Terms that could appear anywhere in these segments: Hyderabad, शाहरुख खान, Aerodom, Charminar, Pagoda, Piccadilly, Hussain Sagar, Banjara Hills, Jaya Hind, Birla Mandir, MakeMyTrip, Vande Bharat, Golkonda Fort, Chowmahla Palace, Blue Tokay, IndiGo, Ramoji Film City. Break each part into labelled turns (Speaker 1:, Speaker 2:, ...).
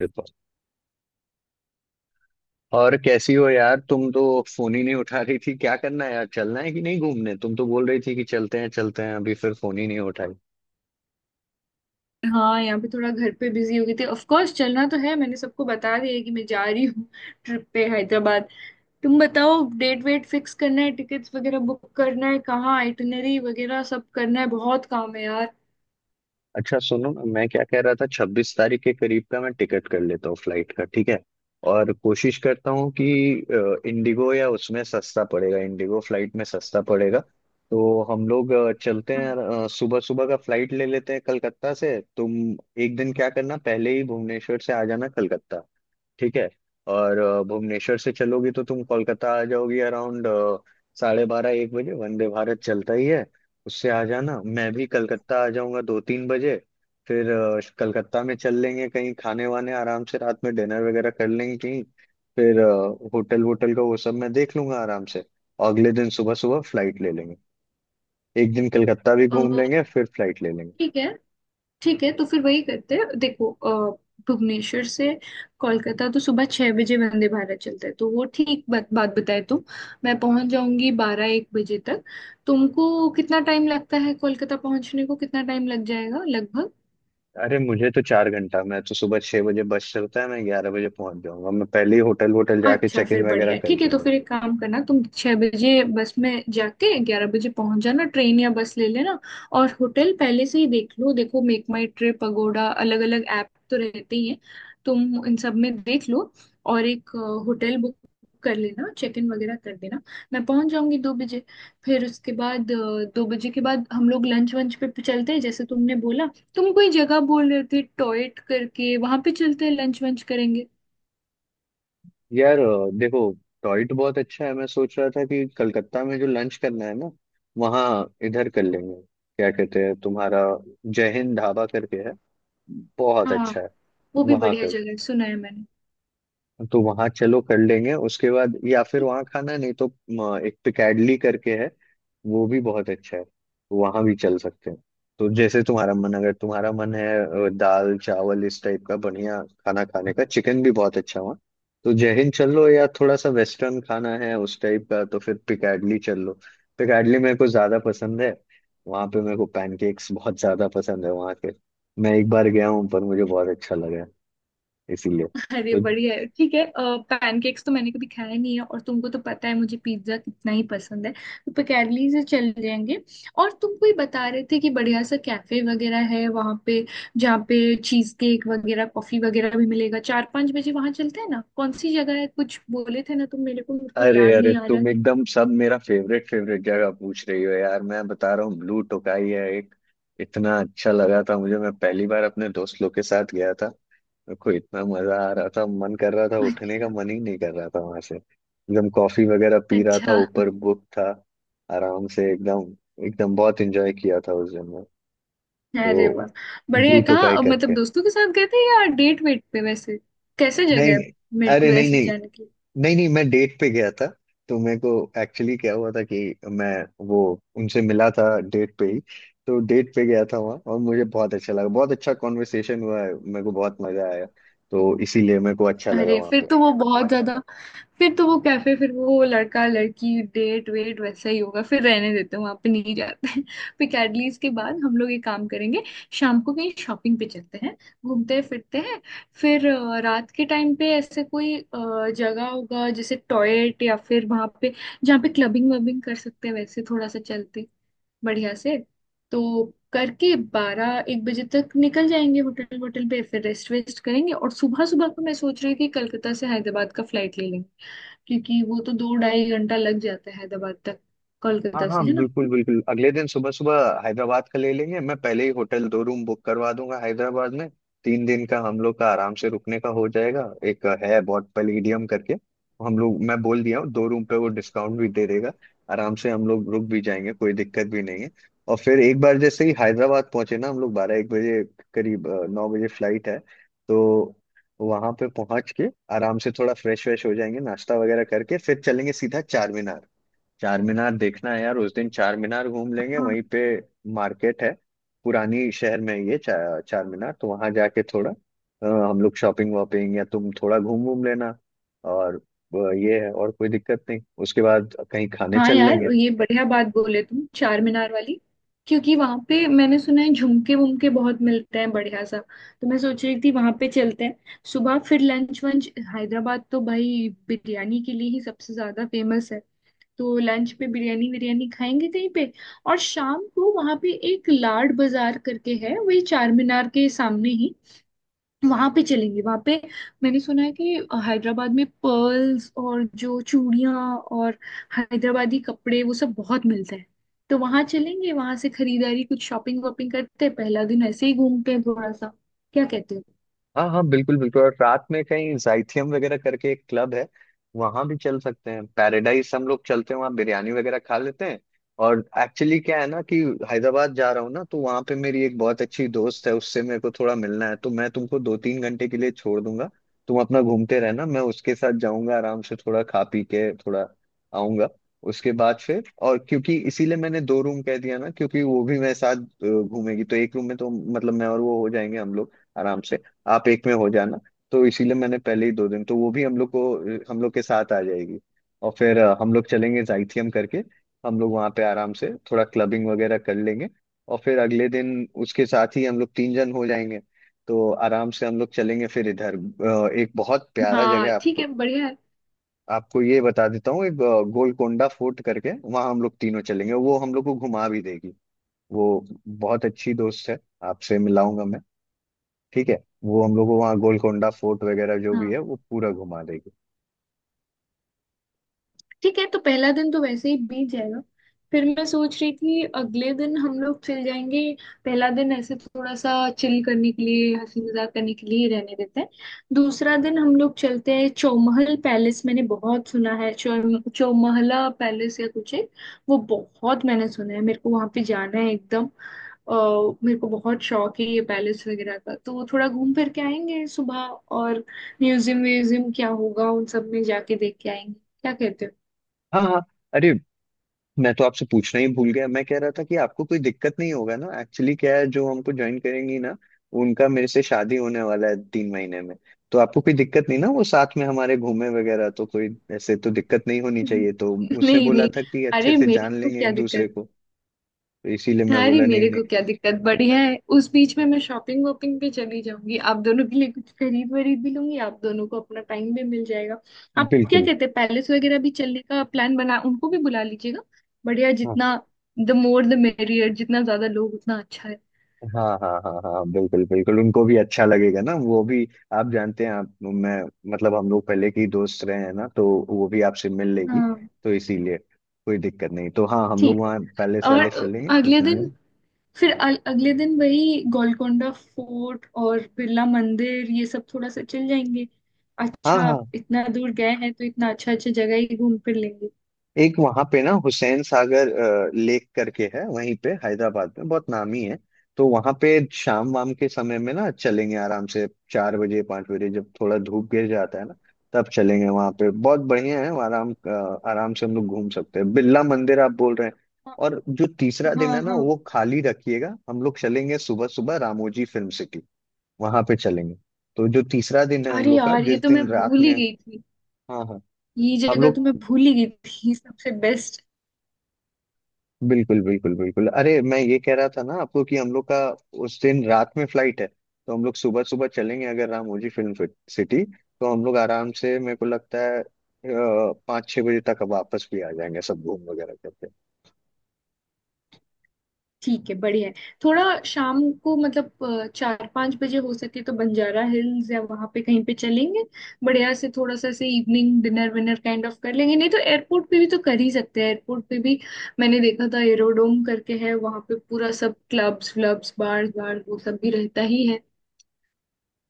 Speaker 1: बिल्कुल। और कैसी हो यार? तुम तो फोन ही नहीं उठा रही थी। क्या करना है यार? चलना है कि नहीं घूमने? तुम तो बोल रही थी कि चलते हैं अभी, फिर फोन ही नहीं उठाई।
Speaker 2: हाँ, यहाँ पे थोड़ा घर पे बिजी हो गई थी। ऑफ कोर्स चलना तो है, मैंने सबको बता दिया है कि मैं जा रही हूँ ट्रिप पे हैदराबाद। तुम बताओ, डेट वेट फिक्स करना है, टिकट्स वगैरह बुक करना है, कहाँ आइटनरी वगैरह सब करना है, बहुत काम है यार।
Speaker 1: अच्छा सुनो ना, मैं क्या कह रहा था, 26 तारीख के करीब का मैं टिकट कर लेता हूँ फ्लाइट का, ठीक है? और कोशिश करता हूँ कि इंडिगो या उसमें सस्ता पड़ेगा, इंडिगो फ्लाइट में सस्ता पड़ेगा। तो हम लोग चलते
Speaker 2: हाँ।
Speaker 1: हैं, सुबह सुबह का फ्लाइट ले लेते हैं कलकत्ता से। तुम एक दिन क्या करना, पहले ही भुवनेश्वर से आ जाना कलकत्ता, ठीक है? और भुवनेश्वर से चलोगी तो तुम कोलकाता आ जाओगी अराउंड 12:30-1 बजे, वंदे भारत चलता ही है, उससे आ जाना। मैं भी कलकत्ता आ जाऊंगा 2-3 बजे। फिर कलकत्ता में चल लेंगे कहीं खाने वाने, आराम से रात में डिनर वगैरह कर लेंगे कहीं। फिर होटल वोटल का वो सब मैं देख लूंगा आराम से। अगले दिन सुबह सुबह फ्लाइट ले लेंगे। एक दिन कलकत्ता भी
Speaker 2: अ,
Speaker 1: घूम लेंगे, फिर फ्लाइट ले लेंगे।
Speaker 2: ठीक है। ठीक है, तो फिर वही करते हैं, देखो भुवनेश्वर से कोलकाता तो सुबह 6 बजे वंदे भारत चलता है, तो वो ठीक बात बात बताए तुम। मैं पहुंच जाऊंगी 12 एक बजे तक। तुमको कितना टाइम लगता है कोलकाता पहुंचने को, कितना टाइम लग जाएगा लगभग।
Speaker 1: अरे मुझे तो 4 घंटा, मैं तो सुबह 6 बजे बस चलता है, मैं 11 बजे पहुंच जाऊंगा। मैं पहले ही होटल वोटल जाके
Speaker 2: अच्छा
Speaker 1: चेक
Speaker 2: फिर
Speaker 1: इन वगैरह
Speaker 2: बढ़िया है।
Speaker 1: कर
Speaker 2: ठीक है, तो
Speaker 1: दूंगा।
Speaker 2: फिर एक काम करना, तुम 6 बजे बस में जाके 11 बजे पहुंच जाना, ट्रेन या बस ले लेना। और होटल पहले से ही देख लो, देखो मेक माई ट्रिप, पगोडा, अलग अलग ऐप तो रहते ही हैं, तुम इन सब में देख लो। और एक होटल बुक कर लेना, चेक इन वगैरह कर देना। मैं पहुंच जाऊंगी 2 बजे। फिर उसके बाद 2 बजे के बाद हम लोग लंच वंच पे पे चलते हैं जैसे तुमने बोला। तुम कोई जगह बोल रहे थे टॉयट करके, वहां पे चलते हैं, लंच वंच करेंगे।
Speaker 1: यार देखो, टॉयट बहुत अच्छा है। मैं सोच रहा था कि कलकत्ता में जो लंच करना है ना, वहाँ इधर कर लेंगे। क्या कहते हैं तुम्हारा, जय हिंद ढाबा करके है, बहुत
Speaker 2: हाँ,
Speaker 1: अच्छा है,
Speaker 2: वो भी
Speaker 1: वहाँ
Speaker 2: बढ़िया
Speaker 1: कर।
Speaker 2: जगह है, सुना है मैंने।
Speaker 1: तो वहां चलो कर लेंगे उसके बाद, या फिर वहां खाना नहीं तो एक पिकैडली करके है, वो भी बहुत अच्छा है, वहां भी चल सकते हैं। तो जैसे तुम्हारा मन, अगर तुम्हारा मन है दाल चावल इस टाइप का बढ़िया खाना खाने का, चिकन भी बहुत अच्छा वहाँ, तो जय हिंद चल लो, या थोड़ा सा वेस्टर्न खाना है उस टाइप का तो फिर पिकैडली चल लो। पिकैडली मेरे को ज्यादा पसंद है। वहां पे मेरे को पैनकेक्स बहुत ज्यादा पसंद है वहां के। मैं एक बार गया हूँ पर मुझे बहुत अच्छा लगा है, इसीलिए
Speaker 2: अरे
Speaker 1: तो।
Speaker 2: बढ़िया है। ठीक है, पैनकेक्स तो मैंने कभी खाया नहीं है, और तुमको तो पता है मुझे पिज्जा कितना ही पसंद है, तो पिकैडली से चल जाएंगे। और तुम कोई बता रहे थे कि बढ़िया सा कैफे वगैरह है वहाँ पे, जहाँ पे चीज केक वगैरह, कॉफी वगैरह भी मिलेगा, 4-5 बजे वहाँ चलते हैं ना। कौन सी जगह है, कुछ बोले थे ना तुम मेरे को, मुझे
Speaker 1: अरे
Speaker 2: याद
Speaker 1: अरे,
Speaker 2: नहीं आ रहा।
Speaker 1: तुम एकदम सब मेरा फेवरेट फेवरेट जगह पूछ रही हो यार। मैं बता रहा हूँ, ब्लू टोकाई है एक, इतना अच्छा लगा था मुझे। मैं पहली बार अपने दोस्त लोग के साथ गया था, मेरे को इतना मजा आ रहा था, मन कर रहा था, उठने का मन ही नहीं कर रहा था वहां से। एकदम कॉफी वगैरह पी रहा था,
Speaker 2: अच्छा।
Speaker 1: ऊपर बुक था, आराम से एकदम एकदम बहुत एंजॉय किया था उस दिन में तो।
Speaker 2: अरे वाह, बढ़िया है।
Speaker 1: ब्लू टोकाई
Speaker 2: कहाँ मतलब
Speaker 1: करके।
Speaker 2: दोस्तों के साथ गए थे या डेट वेट पे, वैसे कैसे जगह
Speaker 1: नहीं
Speaker 2: है,
Speaker 1: नहीं,
Speaker 2: मेरे
Speaker 1: अरे
Speaker 2: को
Speaker 1: नहीं
Speaker 2: ऐसे
Speaker 1: नहीं,
Speaker 2: जाने की।
Speaker 1: नहीं नहीं मैं डेट पे गया था। तो मेरे को एक्चुअली क्या हुआ था कि मैं, वो, उनसे मिला था डेट पे ही। तो डेट पे गया था वहाँ और मुझे बहुत अच्छा लगा, बहुत अच्छा कॉन्वर्सेशन हुआ है, मेरे को बहुत मजा आया। तो इसीलिए मेरे को अच्छा लगा
Speaker 2: अरे
Speaker 1: वहाँ।
Speaker 2: फिर तो वो बहुत ज्यादा, फिर तो वो कैफे, फिर वो लड़का लड़की डेट वेट वैसा ही होगा, फिर रहने देते हैं, वहां पे नहीं जाते हैं। फिर कैडलीज के बाद हम लोग एक काम करेंगे, शाम को कहीं शॉपिंग पे चलते हैं, घूमते हैं, फिरते हैं। फिर रात के टाइम पे ऐसे कोई जगह होगा जैसे टॉयलेट, या फिर वहां पे जहाँ पे क्लबिंग वबिंग कर सकते हैं, वैसे थोड़ा सा चलते बढ़िया से। तो करके 12 एक बजे तक निकल जाएंगे, होटल होटल पे फिर रेस्ट वेस्ट करेंगे। और सुबह सुबह को मैं सोच रही थी कलकत्ता से हैदराबाद का फ्लाइट ले लेंगे, क्योंकि वो तो 2-2.5 घंटा लग जाता है हैदराबाद तक,
Speaker 1: हाँ
Speaker 2: कोलकाता
Speaker 1: हाँ,
Speaker 2: से, है ना।
Speaker 1: बिल्कुल बिल्कुल, अगले दिन सुबह सुबह हैदराबाद का ले लेंगे। मैं पहले ही होटल 2 रूम बुक करवा दूंगा हैदराबाद में। 3 दिन का हम लोग का आराम से रुकने का हो जाएगा। एक है बहुत पैलेडियम करके। हम लोग, मैं बोल दिया हूँ 2 रूम पे, वो डिस्काउंट भी दे देगा। आराम से हम लोग रुक भी जाएंगे, कोई दिक्कत भी नहीं है। और फिर एक बार जैसे ही हैदराबाद पहुंचे ना हम लोग, 12-1 बजे करीब 9 बजे फ्लाइट है तो। वहां पे पहुंच के आराम से थोड़ा फ्रेश व्रेश हो जाएंगे, नाश्ता वगैरह करके फिर चलेंगे सीधा चार, चार मीनार देखना है यार। उस दिन चार मीनार घूम लेंगे, वहीं पे मार्केट है पुरानी शहर में ये चार मीनार। तो वहां जाके थोड़ा हम लोग शॉपिंग वॉपिंग, या तुम थोड़ा घूम घूम लेना। और ये है, और कोई दिक्कत नहीं, उसके बाद कहीं खाने
Speaker 2: हाँ
Speaker 1: चल
Speaker 2: यार,
Speaker 1: लेंगे।
Speaker 2: ये बढ़िया बात बोले तुम, चार मीनार वाली। क्योंकि वहां पे मैंने सुना है झुमके वुमके बहुत मिलते हैं बढ़िया सा, तो मैं सोच रही थी वहां पे चलते हैं। सुबह फिर लंच वंच, हैदराबाद तो भाई बिरयानी के लिए ही सबसे ज्यादा फेमस है, तो लंच पे बिरयानी विरयानी खाएंगे कहीं पे। और शाम को वहां पे एक लाड बाजार करके है, वही चार मीनार के सामने ही, वहां पे चलेंगे। वहां पे मैंने सुना है कि हैदराबाद में पर्ल्स, और जो चूड़ियां और हैदराबादी कपड़े वो सब बहुत मिलते हैं, तो वहां चलेंगे, वहां से खरीदारी, कुछ शॉपिंग वॉपिंग करते हैं, पहला दिन ऐसे ही घूमते हैं थोड़ा सा। क्या कहते हो।
Speaker 1: हाँ हाँ, बिल्कुल बिल्कुल। और रात में कहीं जाइथियम वगैरह करके एक क्लब है, वहां भी चल सकते हैं। पैराडाइज हम लोग चलते हैं, वहाँ बिरयानी वगैरह खा लेते हैं। और एक्चुअली क्या है ना कि हैदराबाद जा रहा हूँ ना, तो वहाँ पे मेरी एक बहुत अच्छी दोस्त है, उससे मेरे को थोड़ा मिलना है, तो मैं तुमको 2-3 घंटे के लिए छोड़ दूंगा। तुम अपना घूमते रहना, मैं उसके साथ जाऊंगा, आराम से थोड़ा खा पी के थोड़ा आऊंगा। उसके बाद फिर, और क्योंकि इसीलिए मैंने 2 रूम कह दिया ना, क्योंकि वो भी मेरे साथ घूमेगी तो एक रूम में तो, मतलब मैं और वो हो जाएंगे हम लोग आराम से, आप एक में हो जाना। तो इसीलिए मैंने पहले ही 2 दिन, तो वो भी हम लोग को हम लोग के साथ आ जाएगी। और फिर हम लोग चलेंगे जाइथियम करके, हम लोग वहाँ पे आराम से थोड़ा क्लबिंग वगैरह कर लेंगे। और फिर अगले दिन उसके साथ ही हम लोग 3 जन हो जाएंगे। तो आराम से हम लोग चलेंगे। फिर इधर एक बहुत प्यारा जगह
Speaker 2: हाँ
Speaker 1: है
Speaker 2: ठीक है,
Speaker 1: आपको
Speaker 2: बढ़िया है।
Speaker 1: आपको ये बता देता हूँ, एक गोलकोंडा फोर्ट करके, वहाँ हम लोग तीनों चलेंगे, वो हम लोग को घुमा भी देगी। वो बहुत अच्छी दोस्त है, आपसे मिलाऊंगा मैं, ठीक है? वो हम लोग को वहाँ गोलकोंडा फोर्ट वगैरह जो भी
Speaker 2: हाँ
Speaker 1: है वो पूरा घुमा देगी।
Speaker 2: ठीक है, तो पहला दिन तो वैसे ही बीत जाएगा। फिर मैं सोच रही थी अगले दिन हम लोग चल जाएंगे, पहला दिन ऐसे थोड़ा सा चिल करने के लिए, हंसी मजाक करने के लिए ही रहने देते हैं। दूसरा दिन हम लोग चलते हैं चौमहल पैलेस, मैंने बहुत सुना है, चौ चौमहला पैलेस या कुछ है। वो बहुत मैंने सुना है, मेरे को वहां पे जाना है एकदम। अ, मेरे को बहुत शौक है ये पैलेस वगैरह का, तो वो थोड़ा घूम फिर के आएंगे सुबह। और म्यूजियम व्यूजियम क्या होगा उन सब में जाके देख के आएंगे, क्या कहते हो।
Speaker 1: हाँ हाँ। अरे मैं तो आपसे पूछना ही भूल गया, मैं कह रहा था कि आपको कोई दिक्कत नहीं होगा ना। एक्चुअली क्या है, जो हमको ज्वाइन करेंगी ना, उनका मेरे से शादी होने वाला है 3 महीने में। तो आपको कोई दिक्कत नहीं ना, वो साथ में हमारे घूमे वगैरह, तो कोई ऐसे तो दिक्कत नहीं होनी चाहिए। तो उसने
Speaker 2: नहीं
Speaker 1: बोला
Speaker 2: नहीं,
Speaker 1: था कि अच्छे
Speaker 2: अरे
Speaker 1: से
Speaker 2: मेरे
Speaker 1: जान
Speaker 2: को
Speaker 1: लेंगे
Speaker 2: क्या
Speaker 1: एक दूसरे
Speaker 2: दिक्कत।
Speaker 1: को। तो इसीलिए मैं
Speaker 2: अरे
Speaker 1: बोला, नहीं
Speaker 2: मेरे को
Speaker 1: नहीं।
Speaker 2: क्या दिक्कत, बढ़िया है। उस बीच में मैं शॉपिंग वॉपिंग पे चली जाऊंगी, आप दोनों के लिए कुछ खरीद वरीद भी लूंगी, आप दोनों को अपना टाइम भी मिल जाएगा। आप क्या
Speaker 1: बिल्कुल।
Speaker 2: कहते हैं, पैलेस वगैरह भी चलने का प्लान बना, उनको भी बुला लीजिएगा। बढ़िया, जितना, द मोर द मेरियर, जितना ज्यादा लोग उतना अच्छा है।
Speaker 1: हाँ हाँ हाँ हाँ, बिल्कुल बिल्कुल, उनको भी अच्छा लगेगा ना, वो भी आप जानते हैं। आप, मैं, मतलब हम लोग पहले के ही दोस्त रहे हैं ना, तो वो भी आपसे मिल लेगी।
Speaker 2: हाँ
Speaker 1: तो इसीलिए कोई दिक्कत नहीं। तो हाँ, हम लोग
Speaker 2: ठीक है।
Speaker 1: वहाँ पैलेस
Speaker 2: और
Speaker 1: वैलेस चलेंगे
Speaker 2: अगले
Speaker 1: घूमने।
Speaker 2: दिन, फिर अगले दिन वही गोलकोंडा फोर्ट और बिरला मंदिर, ये सब थोड़ा सा चल जाएंगे।
Speaker 1: हाँ
Speaker 2: अच्छा,
Speaker 1: हाँ।
Speaker 2: इतना दूर गए हैं तो इतना अच्छा अच्छा जगह ही घूम फिर लेंगे।
Speaker 1: एक वहां पे ना, हुसैन सागर लेक करके है वहीं पे हैदराबाद में, बहुत नामी है। तो वहां पे शाम वाम के समय में ना चलेंगे आराम से, 4 बजे 5 बजे जब थोड़ा धूप गिर जाता है ना, तब चलेंगे वहां पे। बहुत बढ़िया है वहाँ, आराम से हम लोग घूम सकते हैं। बिरला मंदिर आप बोल रहे हैं।
Speaker 2: हाँ
Speaker 1: और जो तीसरा दिन है
Speaker 2: हाँ
Speaker 1: ना,
Speaker 2: हाँ।
Speaker 1: वो खाली रखिएगा, हम लोग चलेंगे सुबह सुबह रामोजी फिल्म सिटी। वहां पे चलेंगे। तो जो तीसरा दिन है हम
Speaker 2: अरे
Speaker 1: लोग का,
Speaker 2: यार, ये
Speaker 1: जिस
Speaker 2: तो मैं
Speaker 1: दिन रात
Speaker 2: भूल ही
Speaker 1: में।
Speaker 2: गई थी।
Speaker 1: हाँ हाँ,
Speaker 2: ये
Speaker 1: हम
Speaker 2: जगह तो
Speaker 1: लोग
Speaker 2: मैं भूल ही गई थी। सबसे बेस्ट।
Speaker 1: बिल्कुल बिल्कुल बिल्कुल। अरे मैं ये कह रहा था ना आपको कि हम लोग का उस दिन रात में फ्लाइट है, तो हम लोग सुबह सुबह चलेंगे अगर रामोजी फिल्म सिटी, तो हम लोग आराम से, मेरे को लगता है 5-6 बजे तक वापस भी आ जाएंगे सब घूम वगैरह करके।
Speaker 2: ठीक है, बढ़िया है। थोड़ा शाम को मतलब 4-5 बजे हो सके तो बंजारा हिल्स या वहां पे कहीं पे चलेंगे, बढ़िया से थोड़ा सा ऐसे इवनिंग डिनर विनर काइंड ऑफ कर लेंगे। नहीं तो एयरपोर्ट पे भी तो कर ही सकते हैं, एयरपोर्ट पे भी मैंने देखा था एरोडोम करके है वहां पे, पूरा सब क्लब्स व्लब्स बार्स बार वो सब भी रहता ही है।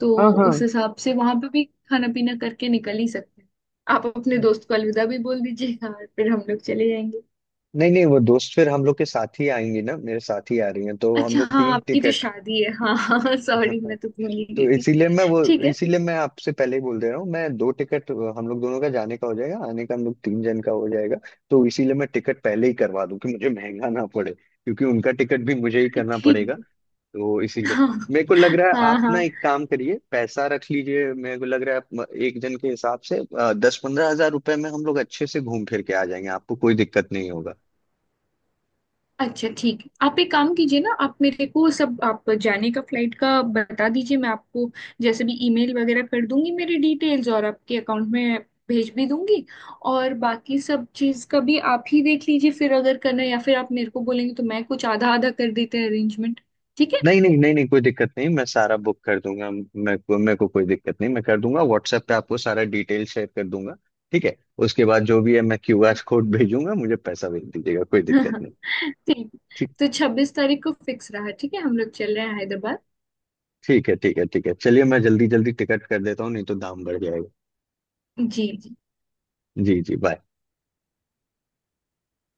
Speaker 2: तो
Speaker 1: हाँ हाँ
Speaker 2: उस हिसाब से वहां पे भी खाना पीना करके निकल ही सकते हैं। आप अपने
Speaker 1: हाँ।
Speaker 2: दोस्त को अलविदा भी बोल दीजिएगा और फिर हम लोग चले जाएंगे।
Speaker 1: नहीं नहीं, वो दोस्त फिर हम लोग के साथ ही आएंगी ना, मेरे साथ ही आ रही हैं, तो हम
Speaker 2: अच्छा
Speaker 1: लोग
Speaker 2: हाँ,
Speaker 1: तीन
Speaker 2: आपकी तो
Speaker 1: टिकट
Speaker 2: शादी है, हाँ हाँ, सॉरी मैं तो भूल ही गई
Speaker 1: तो
Speaker 2: थी।
Speaker 1: इसीलिए मैं वो,
Speaker 2: ठीक है।
Speaker 1: इसीलिए मैं आपसे पहले ही बोल दे रहा हूँ, मैं 2 टिकट, हम लोग दोनों का जाने का हो जाएगा, आने का हम लोग 3 जन का हो जाएगा। तो इसीलिए मैं टिकट पहले ही करवा दूं कि मुझे महंगा ना पड़े, क्योंकि उनका टिकट भी मुझे ही करना
Speaker 2: ठीक
Speaker 1: पड़ेगा।
Speaker 2: है।
Speaker 1: तो इसीलिए
Speaker 2: हाँ
Speaker 1: मेरे को लग रहा है,
Speaker 2: हाँ
Speaker 1: आप ना
Speaker 2: हाँ।
Speaker 1: एक काम करिए, पैसा रख लीजिए। मेरे को लग रहा है, आप एक जन के हिसाब से 10-15 हज़ार रुपए में हम लोग अच्छे से घूम फिर के आ जाएंगे, आपको कोई दिक्कत नहीं होगा।
Speaker 2: अच्छा ठीक है, आप एक काम कीजिए ना, आप मेरे को सब, आप जाने का फ्लाइट का बता दीजिए, मैं आपको जैसे भी ईमेल वगैरह कर दूंगी मेरी डिटेल्स, और आपके अकाउंट में भेज भी दूंगी। और बाकी सब चीज़ का भी आप ही देख लीजिए फिर, अगर करना है या फिर आप मेरे को बोलेंगे तो मैं कुछ आधा आधा कर देते हैं अरेंजमेंट। ठीक है।
Speaker 1: नहीं नहीं नहीं नहीं कोई दिक्कत नहीं, मैं सारा बुक कर दूंगा। मेरे को कोई दिक्कत नहीं, मैं कर दूंगा, व्हाट्सएप पे आपको सारा डिटेल शेयर कर दूंगा, ठीक है? उसके बाद जो भी है मैं क्यूआर कोड भेजूंगा, मुझे पैसा भेज दीजिएगा, कोई दिक्कत नहीं।
Speaker 2: ठीक है।
Speaker 1: ठीक।
Speaker 2: तो 26 तारीख को फिक्स रहा, ठीक है, हम लोग चल रहे हैं हैदराबाद।
Speaker 1: ठीक है ठीक है ठीक है, चलिए मैं जल्दी जल्दी टिकट कर देता हूँ, नहीं तो दाम बढ़ जाएगा।
Speaker 2: जी जी।
Speaker 1: जी जी, बाय।